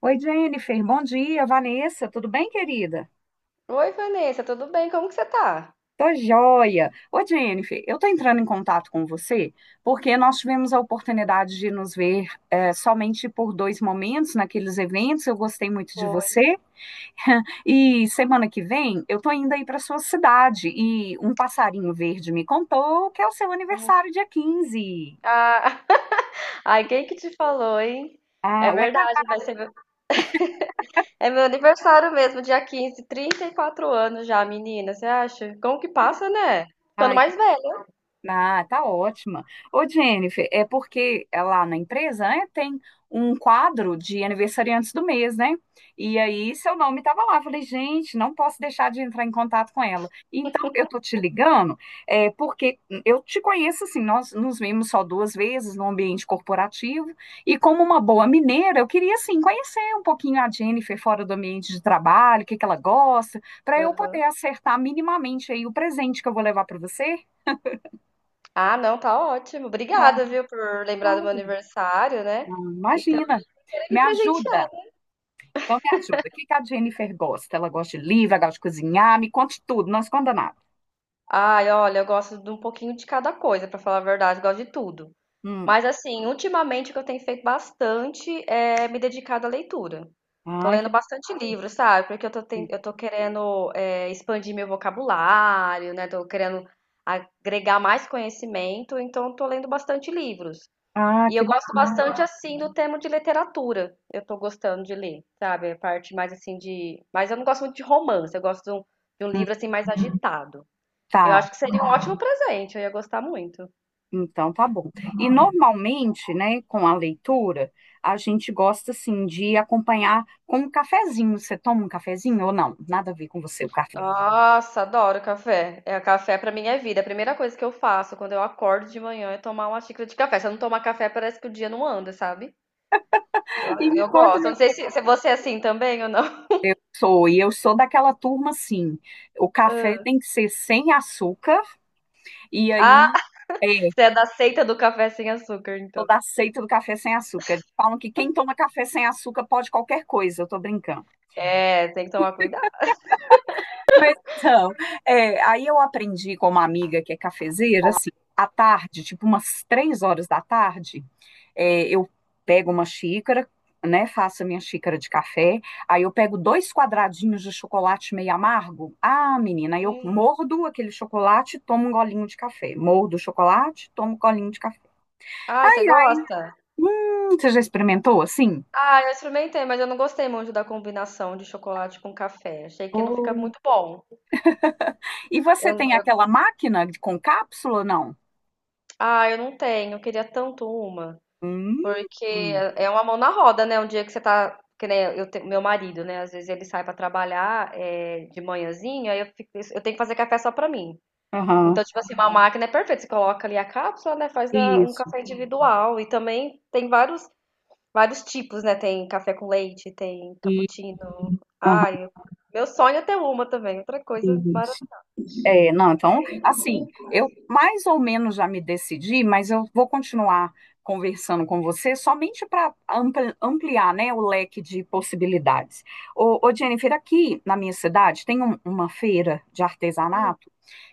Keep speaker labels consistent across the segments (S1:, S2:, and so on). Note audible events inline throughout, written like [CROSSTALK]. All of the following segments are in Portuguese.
S1: Oi, Jennifer. Bom dia, Vanessa. Tudo bem, querida?
S2: Oi, Vanessa, tudo bem? Como que você tá?
S1: Tô joia. Oi, Jennifer. Eu tô entrando em contato com você porque nós tivemos a oportunidade de nos ver somente por dois momentos naqueles eventos. Eu gostei muito de
S2: Foi.
S1: você. E semana que vem eu tô indo aí para sua cidade e um passarinho verde me contou que é o seu
S2: Hum.
S1: aniversário dia 15.
S2: Ah, [LAUGHS] ai, quem que te falou, hein? É
S1: Ah, ué,
S2: verdade, É meu aniversário mesmo, dia 15, 34 anos já, menina, você acha? Como que passa, né? Ficando
S1: ai,
S2: mais velha.
S1: Ah, tá ótima. Ô, Jennifer, é porque lá na empresa, né, tem um quadro de aniversariantes do mês, né? E aí seu nome estava lá. Eu falei, gente, não posso deixar de entrar em contato com ela. Então, eu tô te ligando, porque eu te conheço assim, nós nos vimos só duas vezes no ambiente corporativo, e como uma boa mineira, eu queria assim conhecer um pouquinho a Jennifer fora do ambiente de trabalho, o que que ela gosta, para eu
S2: Aham.
S1: poder acertar minimamente aí o presente que eu vou levar para você.
S2: Ah, não, tá ótimo. Obrigada, viu, por lembrar do meu aniversário, né? E também
S1: Imagina.
S2: por querer
S1: Me
S2: me presentear.
S1: ajuda. Então me ajuda. O que que a Jennifer gosta? Ela gosta de livro, ela gosta de cozinhar. Me conte tudo, não esconda nada.
S2: Ai, olha, eu gosto de um pouquinho de cada coisa, pra falar a verdade, gosto de tudo.
S1: Hum.
S2: Mas assim, ultimamente o que eu tenho feito bastante é me dedicado à leitura. Tô
S1: Ah,
S2: lendo
S1: que,
S2: bastante livro, sabe? Porque eu tô querendo expandir meu vocabulário, né? Tô querendo agregar mais conhecimento, então tô lendo bastante livros.
S1: ah,
S2: E
S1: que
S2: eu gosto
S1: bacana.
S2: bastante, assim, do tema de literatura. Eu tô gostando de ler, sabe? A parte mais, assim, de... Mas eu não gosto muito de romance, eu gosto de um
S1: Hum,
S2: livro, assim, mais agitado. Eu
S1: Tá,
S2: acho que seria um ótimo presente, eu ia gostar muito.
S1: então tá bom. E normalmente, né, com a leitura, a gente gosta, assim, de acompanhar com um cafezinho. Você toma um cafezinho ou não? Nada a ver com você, o café.
S2: Nossa, adoro café. É, café pra mim é vida. A primeira coisa que eu faço quando eu acordo de manhã é tomar uma xícara de café. Se eu não tomar café, parece que o dia não anda, sabe?
S1: E
S2: Eu,
S1: me
S2: eu
S1: conta
S2: gosto. Eu
S1: como
S2: não sei
S1: eu
S2: se você é assim também ou não.
S1: sou. E eu sou daquela turma, assim, o café tem
S2: [LAUGHS]
S1: que ser sem açúcar. E
S2: Ah,
S1: aí... é,
S2: você é da seita do café sem açúcar, então.
S1: Toda a seita do café sem açúcar. Eles falam que quem toma café sem açúcar pode qualquer coisa, eu tô brincando.
S2: É, tem que tomar cuidado.
S1: Mas então, aí eu aprendi com uma amiga que é cafezeira, assim, à tarde, tipo umas 3 horas da tarde, eu pego uma xícara, né, faço a minha xícara de café, aí eu pego dois quadradinhos de chocolate meio amargo. Ah, menina, aí eu
S2: Hum.
S1: mordo aquele chocolate e tomo um golinho de café. Mordo o chocolate, tomo um golinho de café.
S2: Ai,
S1: Ai,
S2: você
S1: ai,
S2: gosta?
S1: você já experimentou assim?
S2: Ah, eu experimentei, mas eu não gostei muito da combinação de chocolate com café. Achei que não fica muito bom.
S1: E
S2: Eu,
S1: você
S2: eu-
S1: tem aquela máquina com cápsula, não?
S2: eu não tenho. Eu queria tanto uma.
S1: Hum,
S2: Porque é uma mão na roda, né? Um dia que você tá, que nem eu, meu marido, né? Às vezes ele sai pra trabalhar de manhãzinho, aí eu tenho que fazer café só pra mim. Então,
S1: aham,
S2: tipo assim, uma máquina é perfeita. Você coloca ali a cápsula, né? Faz a- um
S1: isso,
S2: café individual. E também tem vários tipos, né? Tem café com leite, tem
S1: e,
S2: cappuccino. Uhum.
S1: aham,
S2: Ai, meu sonho é ter uma também. Outra coisa
S1: isso.
S2: maravilhosa.
S1: É, não, então, assim, eu mais ou menos já me decidi, mas eu vou continuar conversando com você somente para ampliar, né, o leque de possibilidades. Ô, Jennifer, aqui na minha cidade tem uma feira de artesanato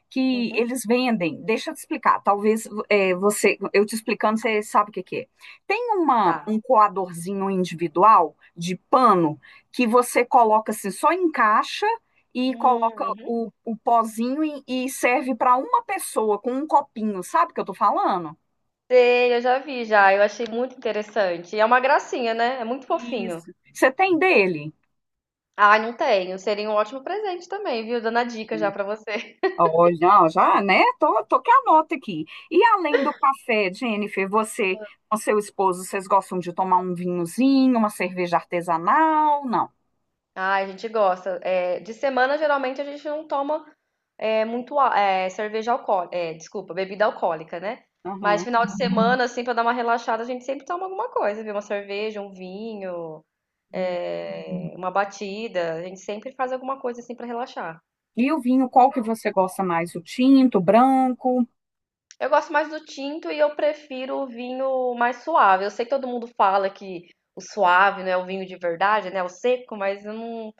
S1: que
S2: Uhum,
S1: eles vendem. Deixa eu te explicar. Talvez você, eu te explicando, você sabe o que, que é. Tem
S2: tá.
S1: um coadorzinho individual de pano que você coloca assim, só encaixa e coloca
S2: Uhum.
S1: o pozinho e serve para uma pessoa com um copinho. Sabe o que eu tô falando?
S2: Sei, eu já vi já. Eu achei muito interessante. E é uma gracinha, né? É muito fofinho.
S1: Isso. Você tem dele?
S2: Ai, não tenho. Seria um ótimo presente também, viu? Dando a dica já pra você. [LAUGHS]
S1: Olha, já, já, né? Tô que anota aqui. E além do café, Jennifer, você com seu esposo, vocês gostam de tomar um vinhozinho, uma cerveja artesanal? Não.
S2: Ai, a gente gosta. É, de semana, geralmente, a gente não toma muito cerveja alcoólica. É, desculpa, bebida alcoólica, né? Mas
S1: Aham.
S2: final de semana, assim, pra dar uma relaxada, a gente sempre toma alguma coisa, viu? Uma cerveja, um vinho,
S1: Hum.
S2: uma batida. A gente sempre faz alguma coisa, assim, pra relaxar.
S1: E o vinho, qual que você gosta mais? O tinto, o branco?
S2: Eu gosto mais do tinto e eu prefiro o vinho mais suave. Eu sei que todo mundo fala que o suave não é o vinho de verdade, né? O seco, mas eu não.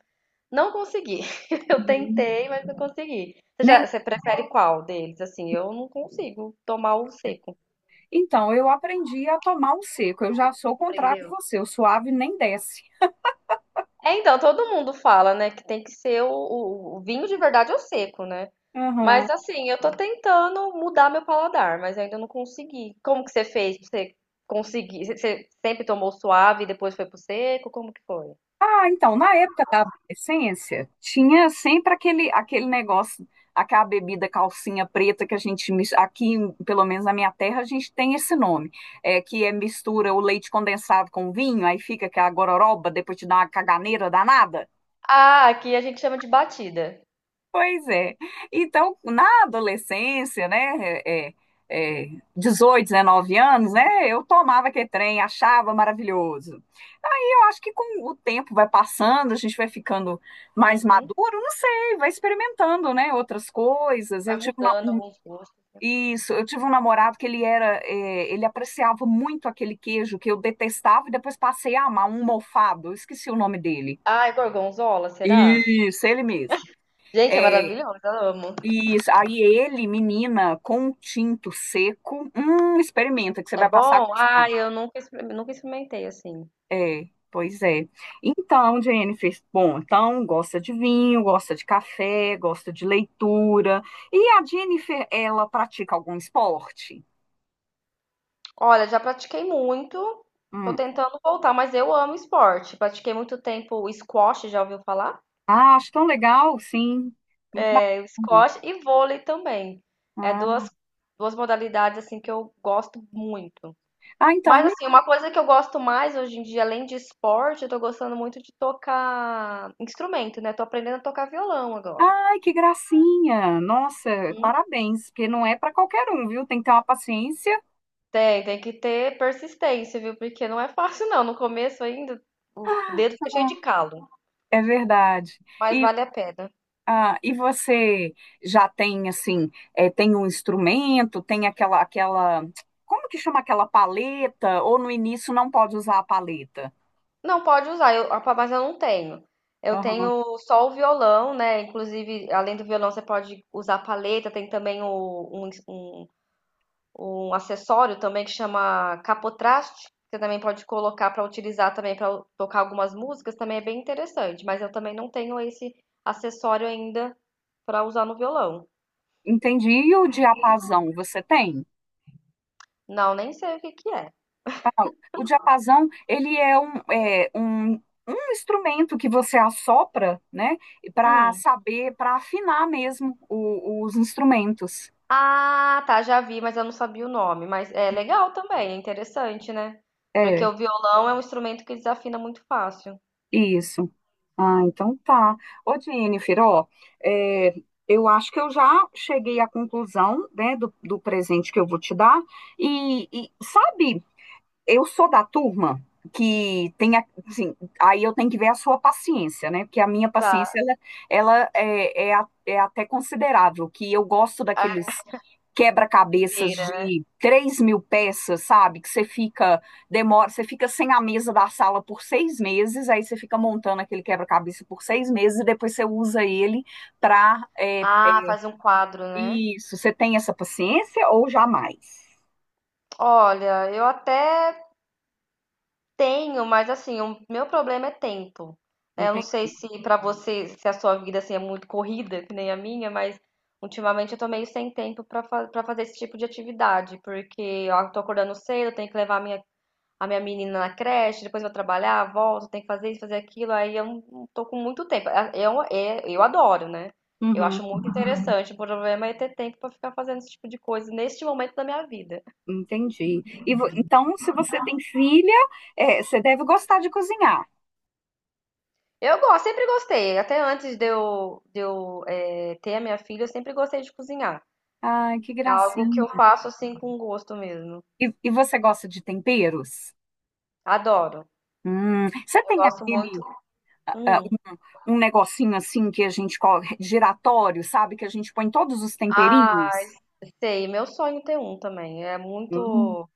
S2: Não consegui. [LAUGHS] Eu
S1: Uhum.
S2: tentei, mas não consegui. Você
S1: Nem...
S2: já, você prefere qual deles? Assim, eu não consigo tomar o seco.
S1: Então, eu aprendi a tomar o seco. Eu já sou o contrário de
S2: Aprendeu?
S1: você. O suave nem desce.
S2: É, então, todo mundo fala, né, que tem que ser o vinho de verdade ou seco, né?
S1: Aham.
S2: Mas assim, eu tô tentando mudar meu paladar, mas ainda não consegui. Como que você fez pra você conseguir? Você sempre tomou suave e depois foi pro seco? Como que foi?
S1: Ah, então, na época da adolescência, tinha sempre aquele negócio, aquela bebida calcinha preta que a gente, aqui, pelo menos na minha terra, a gente tem esse nome, que é mistura o leite condensado com vinho, aí fica aquela gororoba, depois te dá uma caganeira danada.
S2: Ah, aqui a gente chama de batida.
S1: Pois é. Então, na adolescência, né, é, é, 18, 19 anos, né, eu tomava aquele trem, achava maravilhoso. Aí eu acho que com o tempo vai passando, a gente vai ficando mais
S2: Uhum.
S1: maduro, não sei, vai experimentando, né, outras coisas.
S2: Vai mudando alguns gostos.
S1: Isso, eu tive um namorado que ele era, ele apreciava muito aquele queijo que eu detestava e depois passei a amar um mofado, eu esqueci o nome dele.
S2: Ah, é gorgonzola, será?
S1: Isso, ele mesmo.
S2: Gente, é
S1: É,
S2: maravilhoso, eu amo.
S1: isso, aí ele, menina, com um tinto seco, experimenta que você
S2: É
S1: vai passar a
S2: bom?
S1: gostar.
S2: Ah, eu nunca experimentei assim.
S1: É, pois é. Então, Jennifer, bom, então gosta de vinho, gosta de café, gosta de leitura. E a Jennifer, ela pratica algum esporte?
S2: Olha, já pratiquei muito, tô
S1: Hum.
S2: tentando voltar, mas eu amo esporte. Pratiquei muito tempo o squash, já ouviu falar?
S1: Ah, acho tão legal, sim. Muito
S2: É, o
S1: bacana.
S2: squash e vôlei também. É
S1: Ah,
S2: duas modalidades assim que eu gosto muito.
S1: ah,
S2: Mas assim, uma coisa que eu gosto mais hoje em dia, além de esporte, eu tô gostando muito de tocar instrumento, né? Tô aprendendo a tocar violão agora.
S1: ai, que gracinha. Nossa, parabéns, porque não é para qualquer um, viu? Tem que ter uma paciência.
S2: Tem que ter persistência, viu? Porque não é fácil, não. No começo ainda, o dedo fica cheio de calo,
S1: É verdade.
S2: mas
S1: E
S2: vale a pena.
S1: e você já tem assim, tem um instrumento, tem aquela, como que chama aquela paleta? Ou no início não pode usar a paleta?
S2: Não pode usar, eu, a- mas eu não tenho. Eu
S1: Aham,
S2: tenho só o violão, né? Inclusive, além do violão, você pode usar a palheta. Tem também um acessório também que chama capotraste. Você também pode colocar para utilizar também para tocar algumas músicas. Também é bem interessante. Mas eu também não tenho esse acessório ainda para usar no violão.
S1: entendi. E o diapasão você tem?
S2: Não, nem sei o que que é.
S1: O diapasão, ele é um instrumento que você assopra, né, para
S2: Hum.
S1: saber, para afinar mesmo os instrumentos.
S2: Ah, tá, já vi, mas eu não sabia o nome. Mas é legal também, é interessante, né? Porque
S1: É,
S2: o violão é um instrumento que desafina muito fácil.
S1: isso. Ah, então tá. Ô, Jennifer, ó, é, eu acho que eu já cheguei à conclusão, né, do presente que eu vou te dar. E sabe, eu sou da turma que tem, assim, aí eu tenho que ver a sua paciência, né? Porque a minha
S2: Tá,
S1: paciência, ela é até considerável, que eu gosto
S2: a
S1: daqueles quebra-cabeças
S2: primeira.
S1: de 3 mil peças, sabe? Que você fica, demora, você fica sem a mesa da sala por 6 meses, aí você fica montando aquele quebra-cabeça por 6 meses e depois você usa ele para,
S2: Ah, faz um quadro, né?
S1: isso, você tem essa paciência ou jamais?
S2: Olha, eu até tenho, mas assim, o meu problema é tempo. Né? Eu não
S1: Entende?
S2: sei se pra você, se a sua vida assim é muito corrida, que nem a minha, mas ultimamente eu tô meio sem tempo pra fa para fazer esse tipo de atividade, porque ó, eu tô acordando cedo, eu tenho que levar minha a minha menina na creche, depois eu vou trabalhar, volto, tenho que fazer isso, fazer aquilo, aí eu não tô com muito tempo. Ah, eu adoro, né? Eu
S1: Uhum.
S2: acho muito interessante. O problema é ter tempo pra ficar fazendo esse tipo de coisa neste momento da minha vida.
S1: Entendi. E então, se você tem filha, você deve gostar de cozinhar.
S2: Eu gosto, sempre gostei. Até antes de eu ter a minha filha, eu sempre gostei de cozinhar.
S1: Ai, que
S2: É algo que eu
S1: gracinha.
S2: faço assim com gosto mesmo.
S1: E você gosta de temperos?
S2: Adoro.
S1: Você
S2: Eu
S1: tem
S2: gosto muito.
S1: aquele, ah,
S2: Hum.
S1: um um negocinho assim que a gente coloca, giratório, sabe? Que a gente põe todos os
S2: Ah,
S1: temperinhos?
S2: sei. Meu sonho é ter um também. É
S1: Hum,
S2: muito.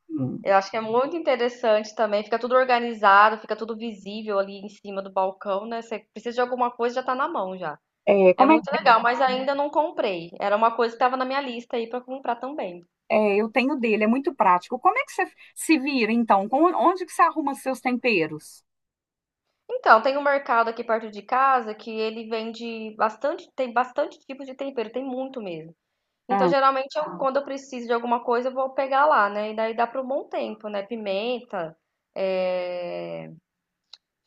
S2: Eu acho que é muito interessante também, fica tudo organizado, fica tudo visível ali em cima do balcão, né? Você precisa de alguma coisa, já tá na mão já.
S1: é,
S2: É
S1: como é,
S2: muito legal, mas ainda não comprei. Era uma coisa que estava na minha lista aí para comprar também.
S1: eu tenho dele, é muito prático. Como é que você se vira, então? Onde que você arruma seus temperos?
S2: Então, tem um mercado aqui perto de casa que ele vende bastante, tem bastante tipo de tempero, tem muito mesmo. Então,
S1: Ah,
S2: geralmente eu, quando eu preciso de alguma coisa, eu vou pegar lá, né? E daí dá para um bom tempo, né? Pimenta, é...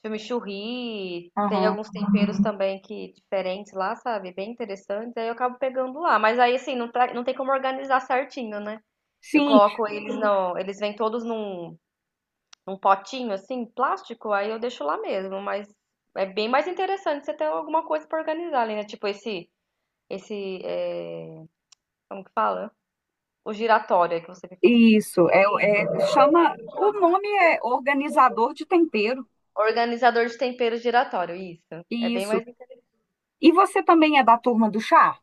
S2: Chimichurri, tem
S1: aham.
S2: alguns temperos também que diferentes lá, sabe? Bem interessantes. Aí eu acabo pegando lá, mas aí assim, não, tá- não tem como organizar certinho, né? Eu
S1: Sim,
S2: coloco eles no, eles vêm todos num potinho assim, plástico, aí eu deixo lá mesmo, mas é bem mais interessante você ter alguma coisa pra organizar ali, né? Tipo esse é, como que fala? O giratório aí que você me falou.
S1: isso, chama, o nome é organizador de tempero,
S2: Organizador de temperos giratório, isso. É bem
S1: isso.
S2: mais interessante.
S1: E você também é da turma do chá?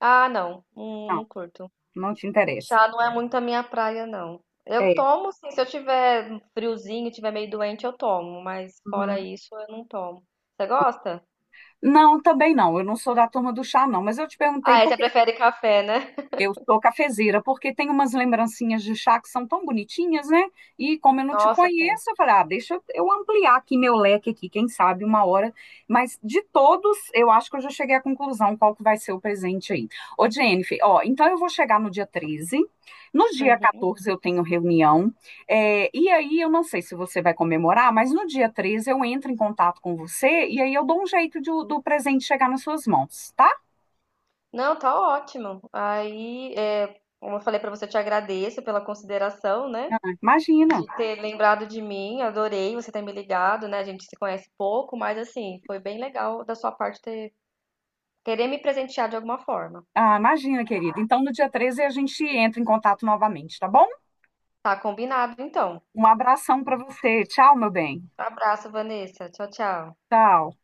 S2: Ah, não, não,
S1: Não,
S2: não curto.
S1: não te interessa.
S2: Chá não é muito a minha praia, não. Eu
S1: É.
S2: tomo, sim, se eu tiver friozinho, tiver meio doente, eu tomo, mas
S1: Uhum.
S2: fora isso, eu não tomo. Você gosta?
S1: Não, também não, eu não sou da turma do chá, não, mas eu te perguntei.
S2: Ah, é, você prefere café, né?
S1: Eu sou cafezeira, porque tem umas lembrancinhas de chá que são tão bonitinhas, né? E como eu não te
S2: Nossa, tem.
S1: conheço, eu falei, ah, deixa eu ampliar aqui meu leque aqui, quem sabe uma hora. Mas de todos, eu acho que eu já cheguei à conclusão qual que vai ser o presente aí. Ô, Jennifer, ó, então eu vou chegar no dia 13. No dia
S2: Uhum.
S1: 14 eu tenho reunião. E aí eu não sei se você vai comemorar, mas no dia 13 eu entro em contato com você e aí eu dou um jeito de do presente chegar nas suas mãos, tá?
S2: Não, tá ótimo. Aí, como eu falei pra você, eu te agradeço pela consideração, né?
S1: Imagina.
S2: De ter lembrado de mim, adorei você ter me ligado, né? A gente se conhece pouco, mas assim, foi bem legal da sua parte ter querer me presentear de alguma forma.
S1: Ah, imagina, querida. Então, no dia 13 a gente entra em contato novamente, tá bom?
S2: Tá combinado, então.
S1: Um abração para você. Tchau, meu bem.
S2: Abraço, Vanessa. Tchau, tchau.
S1: Tchau.